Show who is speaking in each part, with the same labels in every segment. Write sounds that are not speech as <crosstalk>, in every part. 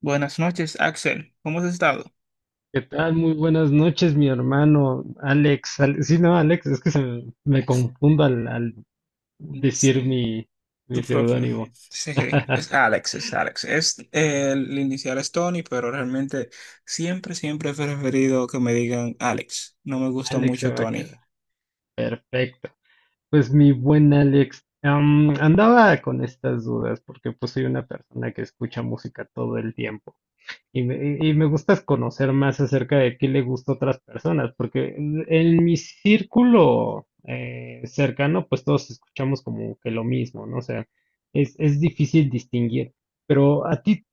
Speaker 1: Buenas noches, Axel. ¿Cómo has estado?
Speaker 2: ¿Qué tal? Muy buenas noches, mi hermano Alex. Ale- sí, no, Alex, es que me confundo al decir
Speaker 1: Sí,
Speaker 2: mi
Speaker 1: tu propio.
Speaker 2: seudónimo.
Speaker 1: Sí, es
Speaker 2: <laughs>
Speaker 1: Alex, es Alex. El inicial es Tony, pero realmente siempre, siempre he preferido que me digan Alex. No me gusta
Speaker 2: Alex se
Speaker 1: mucho
Speaker 2: va a quedar.
Speaker 1: Tony.
Speaker 2: Perfecto. Pues mi buen Alex, andaba con estas dudas porque pues soy una persona que escucha música todo el tiempo. Y me gusta conocer más acerca de qué le gusta a otras personas, porque en mi círculo cercano, pues todos escuchamos como que lo mismo, ¿no? O sea, es difícil distinguir. Pero a ti,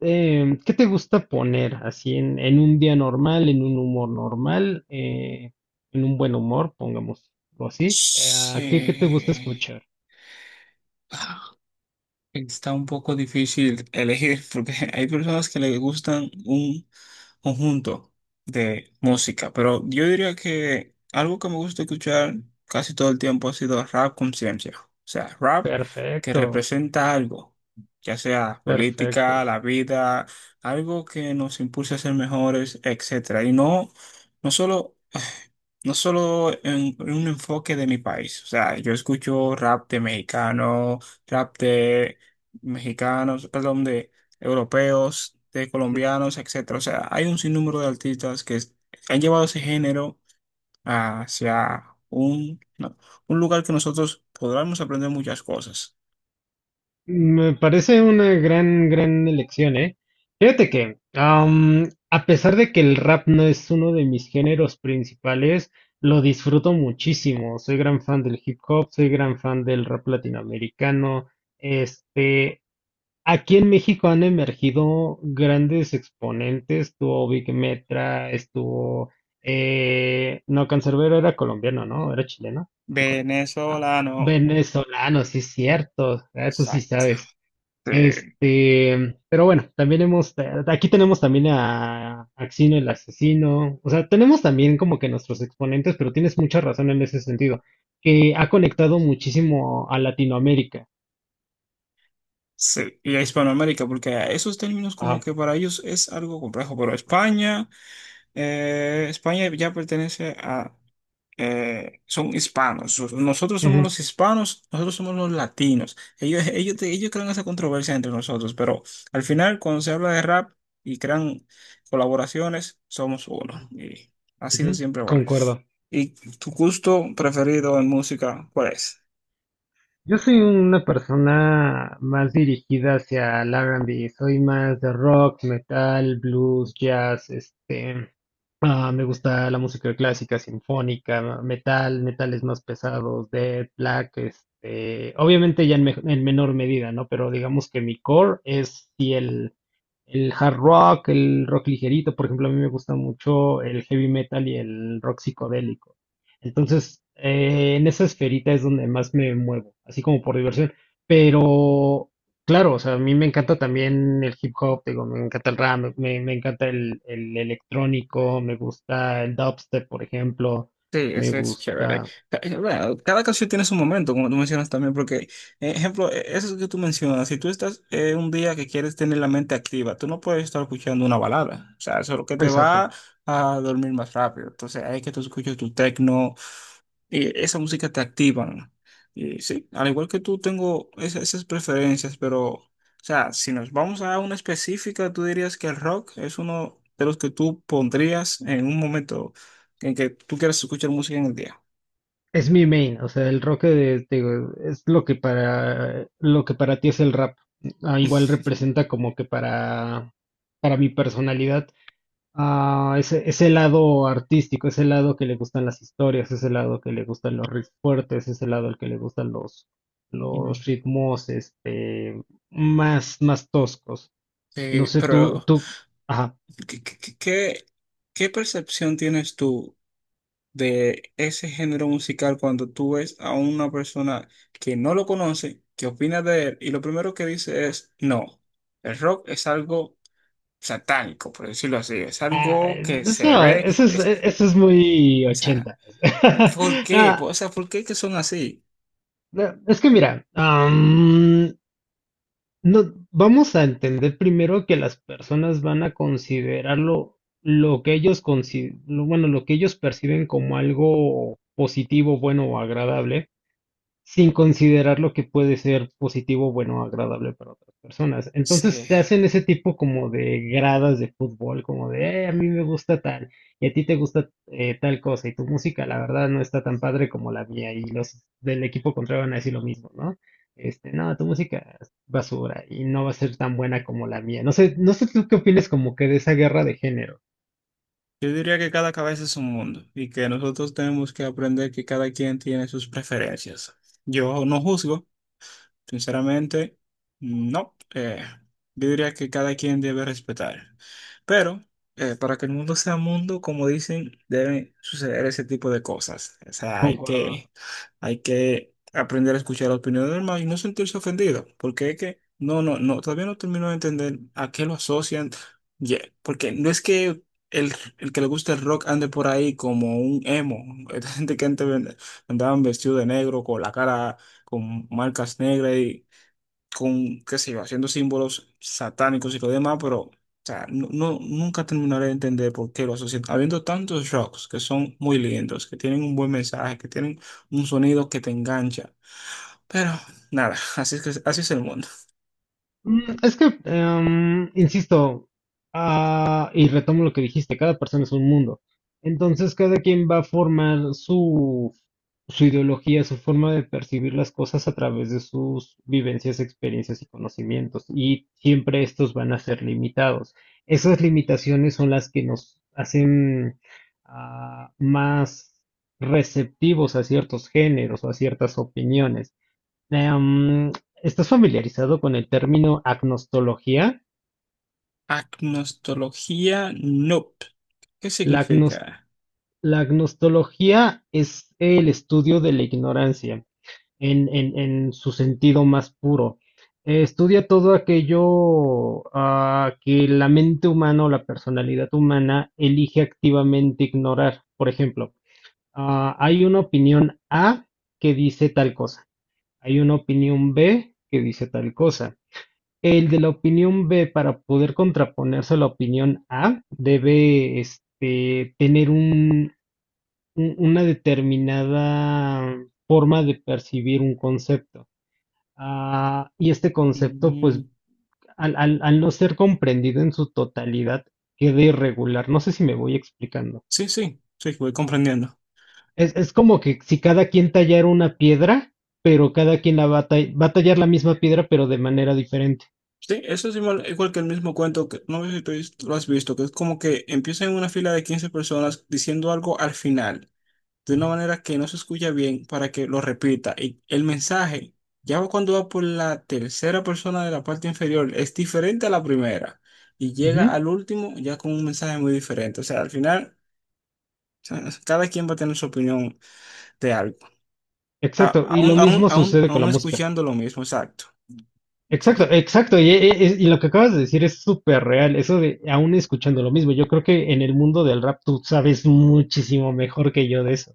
Speaker 2: ¿qué te gusta poner así en un día normal, en un humor normal, en un buen humor, pongámoslo así? ¿ qué te gusta
Speaker 1: Sí.
Speaker 2: escuchar?
Speaker 1: Ah, Está un poco difícil elegir porque <laughs> hay personas que les gustan un conjunto de música, pero yo diría que algo que me gusta escuchar casi todo el tiempo ha sido rap conciencia, o sea, rap que
Speaker 2: Perfecto,
Speaker 1: representa algo, ya sea
Speaker 2: perfecto.
Speaker 1: política, la vida, algo que nos impulse a ser mejores, etcétera, y no, no solo <sighs> no solo en un enfoque de mi país, o sea, yo escucho rap de mexicano, rap de mexicanos, perdón, europeos, de colombianos, etcétera. O sea, hay un sinnúmero de artistas que han llevado ese género hacia un, no, un lugar que nosotros podremos aprender muchas cosas.
Speaker 2: Me parece una gran elección, ¿eh? Fíjate que, a pesar de que el rap no es uno de mis géneros principales, lo disfruto muchísimo. Soy gran fan del hip hop, soy gran fan del rap latinoamericano. Este, aquí en México han emergido grandes exponentes. Estuvo Vic Metra, estuvo, no, Canserbero era colombiano, ¿no? Era chileno, no me acuerdo. Ah,
Speaker 1: Venezolano,
Speaker 2: venezolano, sí es cierto, ah, tú sí
Speaker 1: exacto.
Speaker 2: sabes.
Speaker 1: Sí,
Speaker 2: Este, pero bueno, también aquí tenemos también a Axino el Asesino, o sea, tenemos también como que nuestros exponentes, pero tienes mucha razón en ese sentido, que ha conectado muchísimo a Latinoamérica.
Speaker 1: sí. Y a Hispanoamérica, porque esos términos como
Speaker 2: Ajá,
Speaker 1: que para ellos es algo complejo, pero España ya pertenece a son hispanos. Nosotros somos
Speaker 2: ujú,
Speaker 1: los hispanos, nosotros somos los latinos. Ellos crean esa controversia entre nosotros, pero al final, cuando se habla de rap y crean colaboraciones, somos uno. Y ha sido
Speaker 2: ujú,
Speaker 1: siempre bueno.
Speaker 2: concuerdo.
Speaker 1: ¿Y tu gusto preferido en música, cuál es?
Speaker 2: Yo soy una persona más dirigida hacia el R&B, soy más de rock, metal, blues, jazz, este, ah, me gusta la música clásica, sinfónica, metal, metales más pesados, death, black, este, obviamente ya en menor medida, ¿no? Pero digamos que mi core es sí el hard rock, el rock ligerito. Por ejemplo, a mí me gusta mucho el heavy metal y el rock psicodélico. Entonces, en esa esferita es donde más me muevo, así como por diversión. Pero, claro, o sea, a mí me encanta también el hip hop, digo, me encanta el rap, me encanta el electrónico, me gusta el dubstep, por ejemplo,
Speaker 1: Sí,
Speaker 2: me
Speaker 1: ese es chévere.
Speaker 2: gusta...
Speaker 1: Bueno, cada canción tiene su momento, como tú mencionas también, porque, ejemplo, eso que tú mencionas, si tú estás un día que quieres tener la mente activa, tú no puedes estar escuchando una balada. O sea, eso es lo que te
Speaker 2: Exacto.
Speaker 1: va a dormir más rápido. Entonces, hay que tú escuches tu techno y esa música te activa. ¿No? Y sí, al igual que tú tengo esas preferencias, pero, o sea, si nos vamos a una específica, tú dirías que el rock es uno de los que tú pondrías en un momento en que tú quieras escuchar música en el día.
Speaker 2: Es mi main, o sea, el rock te digo, es lo que para ti es el rap. Ah, igual
Speaker 1: <laughs>
Speaker 2: representa como que para mi personalidad ese, ese lado artístico, ese lado que le gustan las historias, ese lado que le gustan los riffs fuertes, ese lado al que le gustan
Speaker 1: Mm.
Speaker 2: los ritmos este más toscos. No sé,
Speaker 1: Pero,
Speaker 2: tú ajá.
Speaker 1: ¿qué, qué, qué- qué- qué percepción tienes tú de ese género musical cuando tú ves a una persona que no lo conoce, que opina de él y lo primero que dice es, no, el rock es algo satánico, por decirlo así. Es
Speaker 2: Ah,
Speaker 1: algo que se
Speaker 2: eso,
Speaker 1: ve. O
Speaker 2: eso es muy
Speaker 1: sea,
Speaker 2: 80.
Speaker 1: ¿por qué? O
Speaker 2: <laughs>
Speaker 1: sea, ¿por qué que son así?
Speaker 2: Es que mira, no, vamos a entender primero que las personas van a considerarlo lo que ellos consi- lo- bueno, lo que ellos perciben como algo positivo, bueno o agradable sin considerar lo que puede ser positivo, bueno, agradable para otras personas. Entonces
Speaker 1: Sí.
Speaker 2: se hacen ese tipo como de gradas de fútbol, como de, a mí me gusta tal, y a ti te gusta tal cosa, y tu música, la verdad, no está tan padre como la mía, y los del equipo contrario van a decir lo mismo, ¿no? Este, no, tu música es basura y no va a ser tan buena como la mía. No sé, no sé tú qué opinas como que de esa guerra de género.
Speaker 1: Yo diría que cada cabeza es un mundo y que nosotros tenemos que aprender que cada quien tiene sus preferencias. Yo no juzgo. Sinceramente, no. Yo diría que cada quien debe respetar. Pero para que el mundo sea mundo, como dicen, deben suceder ese tipo de cosas. O sea, hay
Speaker 2: Concuerdo.
Speaker 1: que, hay que aprender a escuchar la opinión del demás y no sentirse ofendido. Porque es que, no, no, no, todavía no termino de entender a qué lo asocian. Porque no es que el, el que le gusta el rock ande por ahí como un emo. <laughs> Esta gente que antes andaban vestido de negro con la cara con marcas negras y con, qué sé yo, haciendo símbolos satánicos y lo demás, pero, o sea, no, nunca terminaré de entender por qué lo asocian. Habiendo tantos rocks que son muy lindos, que tienen un buen mensaje, que tienen un sonido que te engancha. Pero, nada, así es que, así es el mundo.
Speaker 2: Mm, es que, insisto, y retomo lo que dijiste, cada persona es un mundo. Entonces, cada quien va a formar su ideología, su forma de percibir las cosas a través de sus vivencias, experiencias y conocimientos. Y siempre estos van a ser limitados. Esas limitaciones son las que nos hacen más receptivos a ciertos géneros o a ciertas opiniones. Em, ¿Estás familiarizado con el término agnostología?
Speaker 1: Agnostología, nope. ¿Qué
Speaker 2: La, agnos-
Speaker 1: significa?
Speaker 2: la agnostología es el estudio de la ignorancia en su sentido más puro. Estudia todo aquello que la mente humana o la personalidad humana elige activamente ignorar. Por ejemplo, hay una opinión A que dice tal cosa, hay una opinión B que dice tal cosa. El de la opinión B, para poder contraponerse a la opinión A, debe este, tener una determinada forma de percibir un concepto. Ah, y este concepto, pues,
Speaker 1: Mm,
Speaker 2: al no ser comprendido en su totalidad, queda irregular. No sé si me voy explicando.
Speaker 1: sí, sí, sí, voy comprendiendo.
Speaker 2: Es como que si cada quien tallara una piedra, pero cada quien la va a tallar la misma piedra, pero de manera diferente.
Speaker 1: Sí, eso es igual, igual que el mismo cuento que no sé si lo has visto, que es como que empieza en una fila de 15 personas diciendo algo al final, de una
Speaker 2: Ujú.
Speaker 1: manera que no se escucha bien para que lo repita. Y el mensaje, ya cuando va por la tercera persona de la parte inferior, es diferente a la primera y llega
Speaker 2: Ujú.
Speaker 1: al último ya con un mensaje muy diferente. O sea, al final, o sea, cada quien va a tener su opinión de algo, A-
Speaker 2: Exacto, y lo
Speaker 1: aún, aún,
Speaker 2: mismo
Speaker 1: aún,
Speaker 2: sucede con la
Speaker 1: aún
Speaker 2: música.
Speaker 1: escuchando lo mismo, exacto.
Speaker 2: Exacto, exacto. Y, y lo que acabas de decir es súper real. Eso de aún escuchando lo mismo. Yo creo que en el mundo del rap tú sabes muchísimo mejor que yo de eso.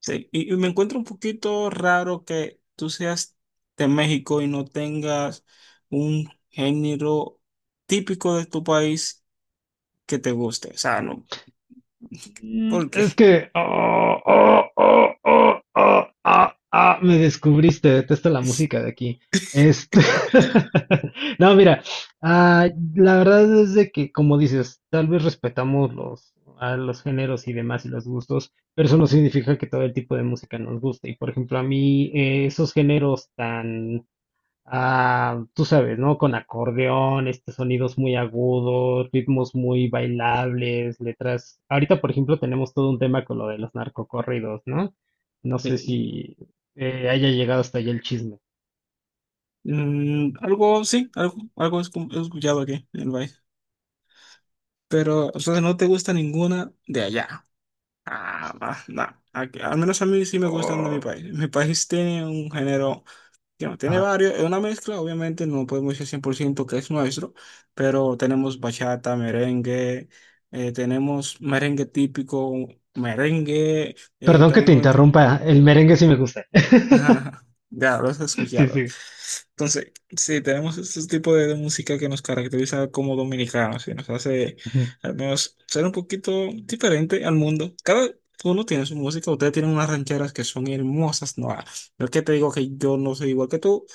Speaker 1: Sí, y me encuentro un poquito raro que tú seas de México y no tengas un género típico de tu país que te guste. O sea, no,
Speaker 2: Mm,
Speaker 1: porque
Speaker 2: es que oh, oh, oh, oh, oh, ah, ah, me descubriste, detesto la música de aquí. Este, <laughs> no, mira, ah, la verdad es de que, como dices, tal vez respetamos a los géneros y demás y los gustos, pero eso no significa que todo el tipo de música nos guste. Y por ejemplo, a mí esos géneros tan ah, tú sabes, ¿no? Con acordeón, estos sonidos muy agudos, ritmos muy bailables, letras. Ahorita, por ejemplo, tenemos todo un tema con lo de los narcocorridos, ¿no? No sé
Speaker 1: <laughs>
Speaker 2: si haya llegado hasta allá el chisme.
Speaker 1: algo sí, algo he he escuchado aquí en el país. Pero, o sea, no te gusta ninguna de allá. Ah, va, no. Al menos a mí sí me gustan de mi
Speaker 2: Oh,
Speaker 1: país. Mi país tiene un género. Digamos, tiene
Speaker 2: ajá.
Speaker 1: varios, es una mezcla, obviamente no podemos decir 100% que es nuestro, pero tenemos bachata, merengue, tenemos merengue típico, merengue,
Speaker 2: Perdón que
Speaker 1: también
Speaker 2: te
Speaker 1: comenta.
Speaker 2: interrumpa, el merengue sí me gusta.
Speaker 1: <laughs>
Speaker 2: <laughs>
Speaker 1: Ajá, ya lo has
Speaker 2: Sí,
Speaker 1: escuchado.
Speaker 2: sí.
Speaker 1: Entonces, sí, tenemos este tipo de música que nos caracteriza como dominicanos y nos hace
Speaker 2: Ujú.
Speaker 1: al menos ser un poquito diferente al mundo. Cada uno tiene su música, ustedes tienen unas rancheras que son hermosas, no, no es que te digo que yo no soy igual que tú.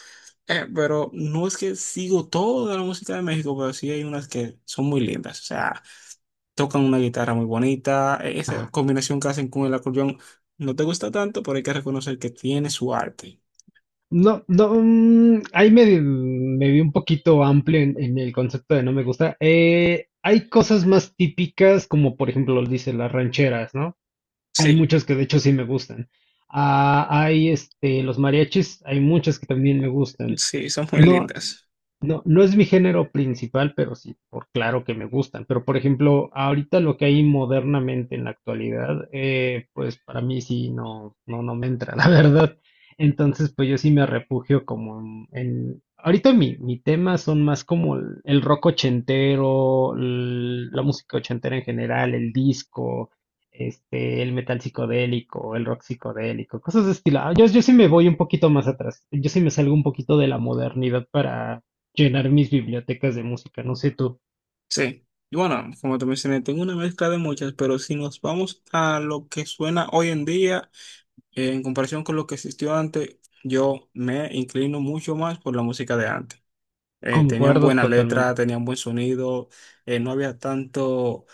Speaker 1: Pero no es que sigo toda la música de México, pero sí hay unas que son muy lindas. O sea, tocan una guitarra muy bonita. Esa combinación que hacen con el acordeón no te gusta tanto, pero hay que reconocer que tiene su arte.
Speaker 2: No, no, mm, ahí me vi un poquito amplio en el concepto de no me gusta. Hay cosas más típicas, como por ejemplo, dice las rancheras, ¿no? Hay
Speaker 1: Sí,
Speaker 2: muchas que de hecho sí me gustan. Ah, hay este, los mariachis, hay muchas que también me gustan.
Speaker 1: sí, son muy
Speaker 2: No,
Speaker 1: lindas.
Speaker 2: no, no es mi género principal, pero sí, por claro que me gustan. Pero por ejemplo, ahorita lo que hay modernamente en la actualidad, pues para mí sí no, no, no me entra, <laughs> la verdad. Entonces, pues yo sí me refugio como ahorita mi tema son más como el rock ochentero, la música ochentera en general, el disco, este, el metal psicodélico, el rock psicodélico, cosas de estilo. Ah, yo sí me voy un poquito más atrás. Yo sí me salgo un poquito de la modernidad para llenar mis bibliotecas de música, no sé tú,
Speaker 1: Sí. Y bueno, como te mencioné, tengo una mezcla de muchas, pero si nos vamos a lo que suena hoy en día, en comparación con lo que existió antes, yo me inclino mucho más por la música de antes. Tenían
Speaker 2: concuerdo
Speaker 1: buena letra,
Speaker 2: totalmente.
Speaker 1: tenían buen sonido, no había tanto,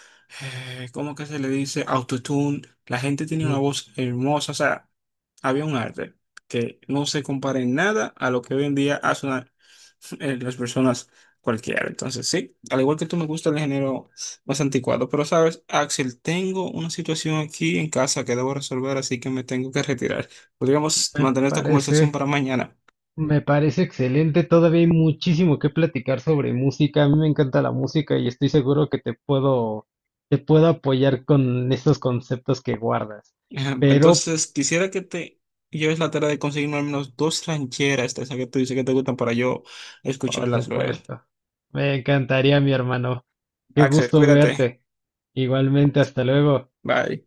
Speaker 1: ¿cómo que se le dice? Autotune. La gente tenía una
Speaker 2: Ujú.
Speaker 1: voz hermosa, o sea, había un arte que no se compara en nada a lo que hoy en día hacen las personas cualquiera. Entonces, sí, al igual que tú me gusta el género más anticuado, pero sabes, Axel, tengo una situación aquí en casa que debo resolver, así que me tengo que retirar. Podríamos
Speaker 2: Me
Speaker 1: mantener esta conversación
Speaker 2: parece,
Speaker 1: para mañana.
Speaker 2: me parece excelente, todavía hay muchísimo que platicar sobre música, a mí me encanta la música y estoy seguro que te te puedo apoyar con estos conceptos que guardas,
Speaker 1: <laughs> Ajá,
Speaker 2: pero
Speaker 1: entonces, quisiera que te lleves la tarea de conseguirme al menos dos rancheras de esas que tú dices que te gustan para yo
Speaker 2: por
Speaker 1: escucharlas luego.
Speaker 2: supuesto, me encantaría, mi hermano, qué
Speaker 1: Axel,
Speaker 2: gusto
Speaker 1: cuídate.
Speaker 2: verte, igualmente, hasta luego.
Speaker 1: Bye.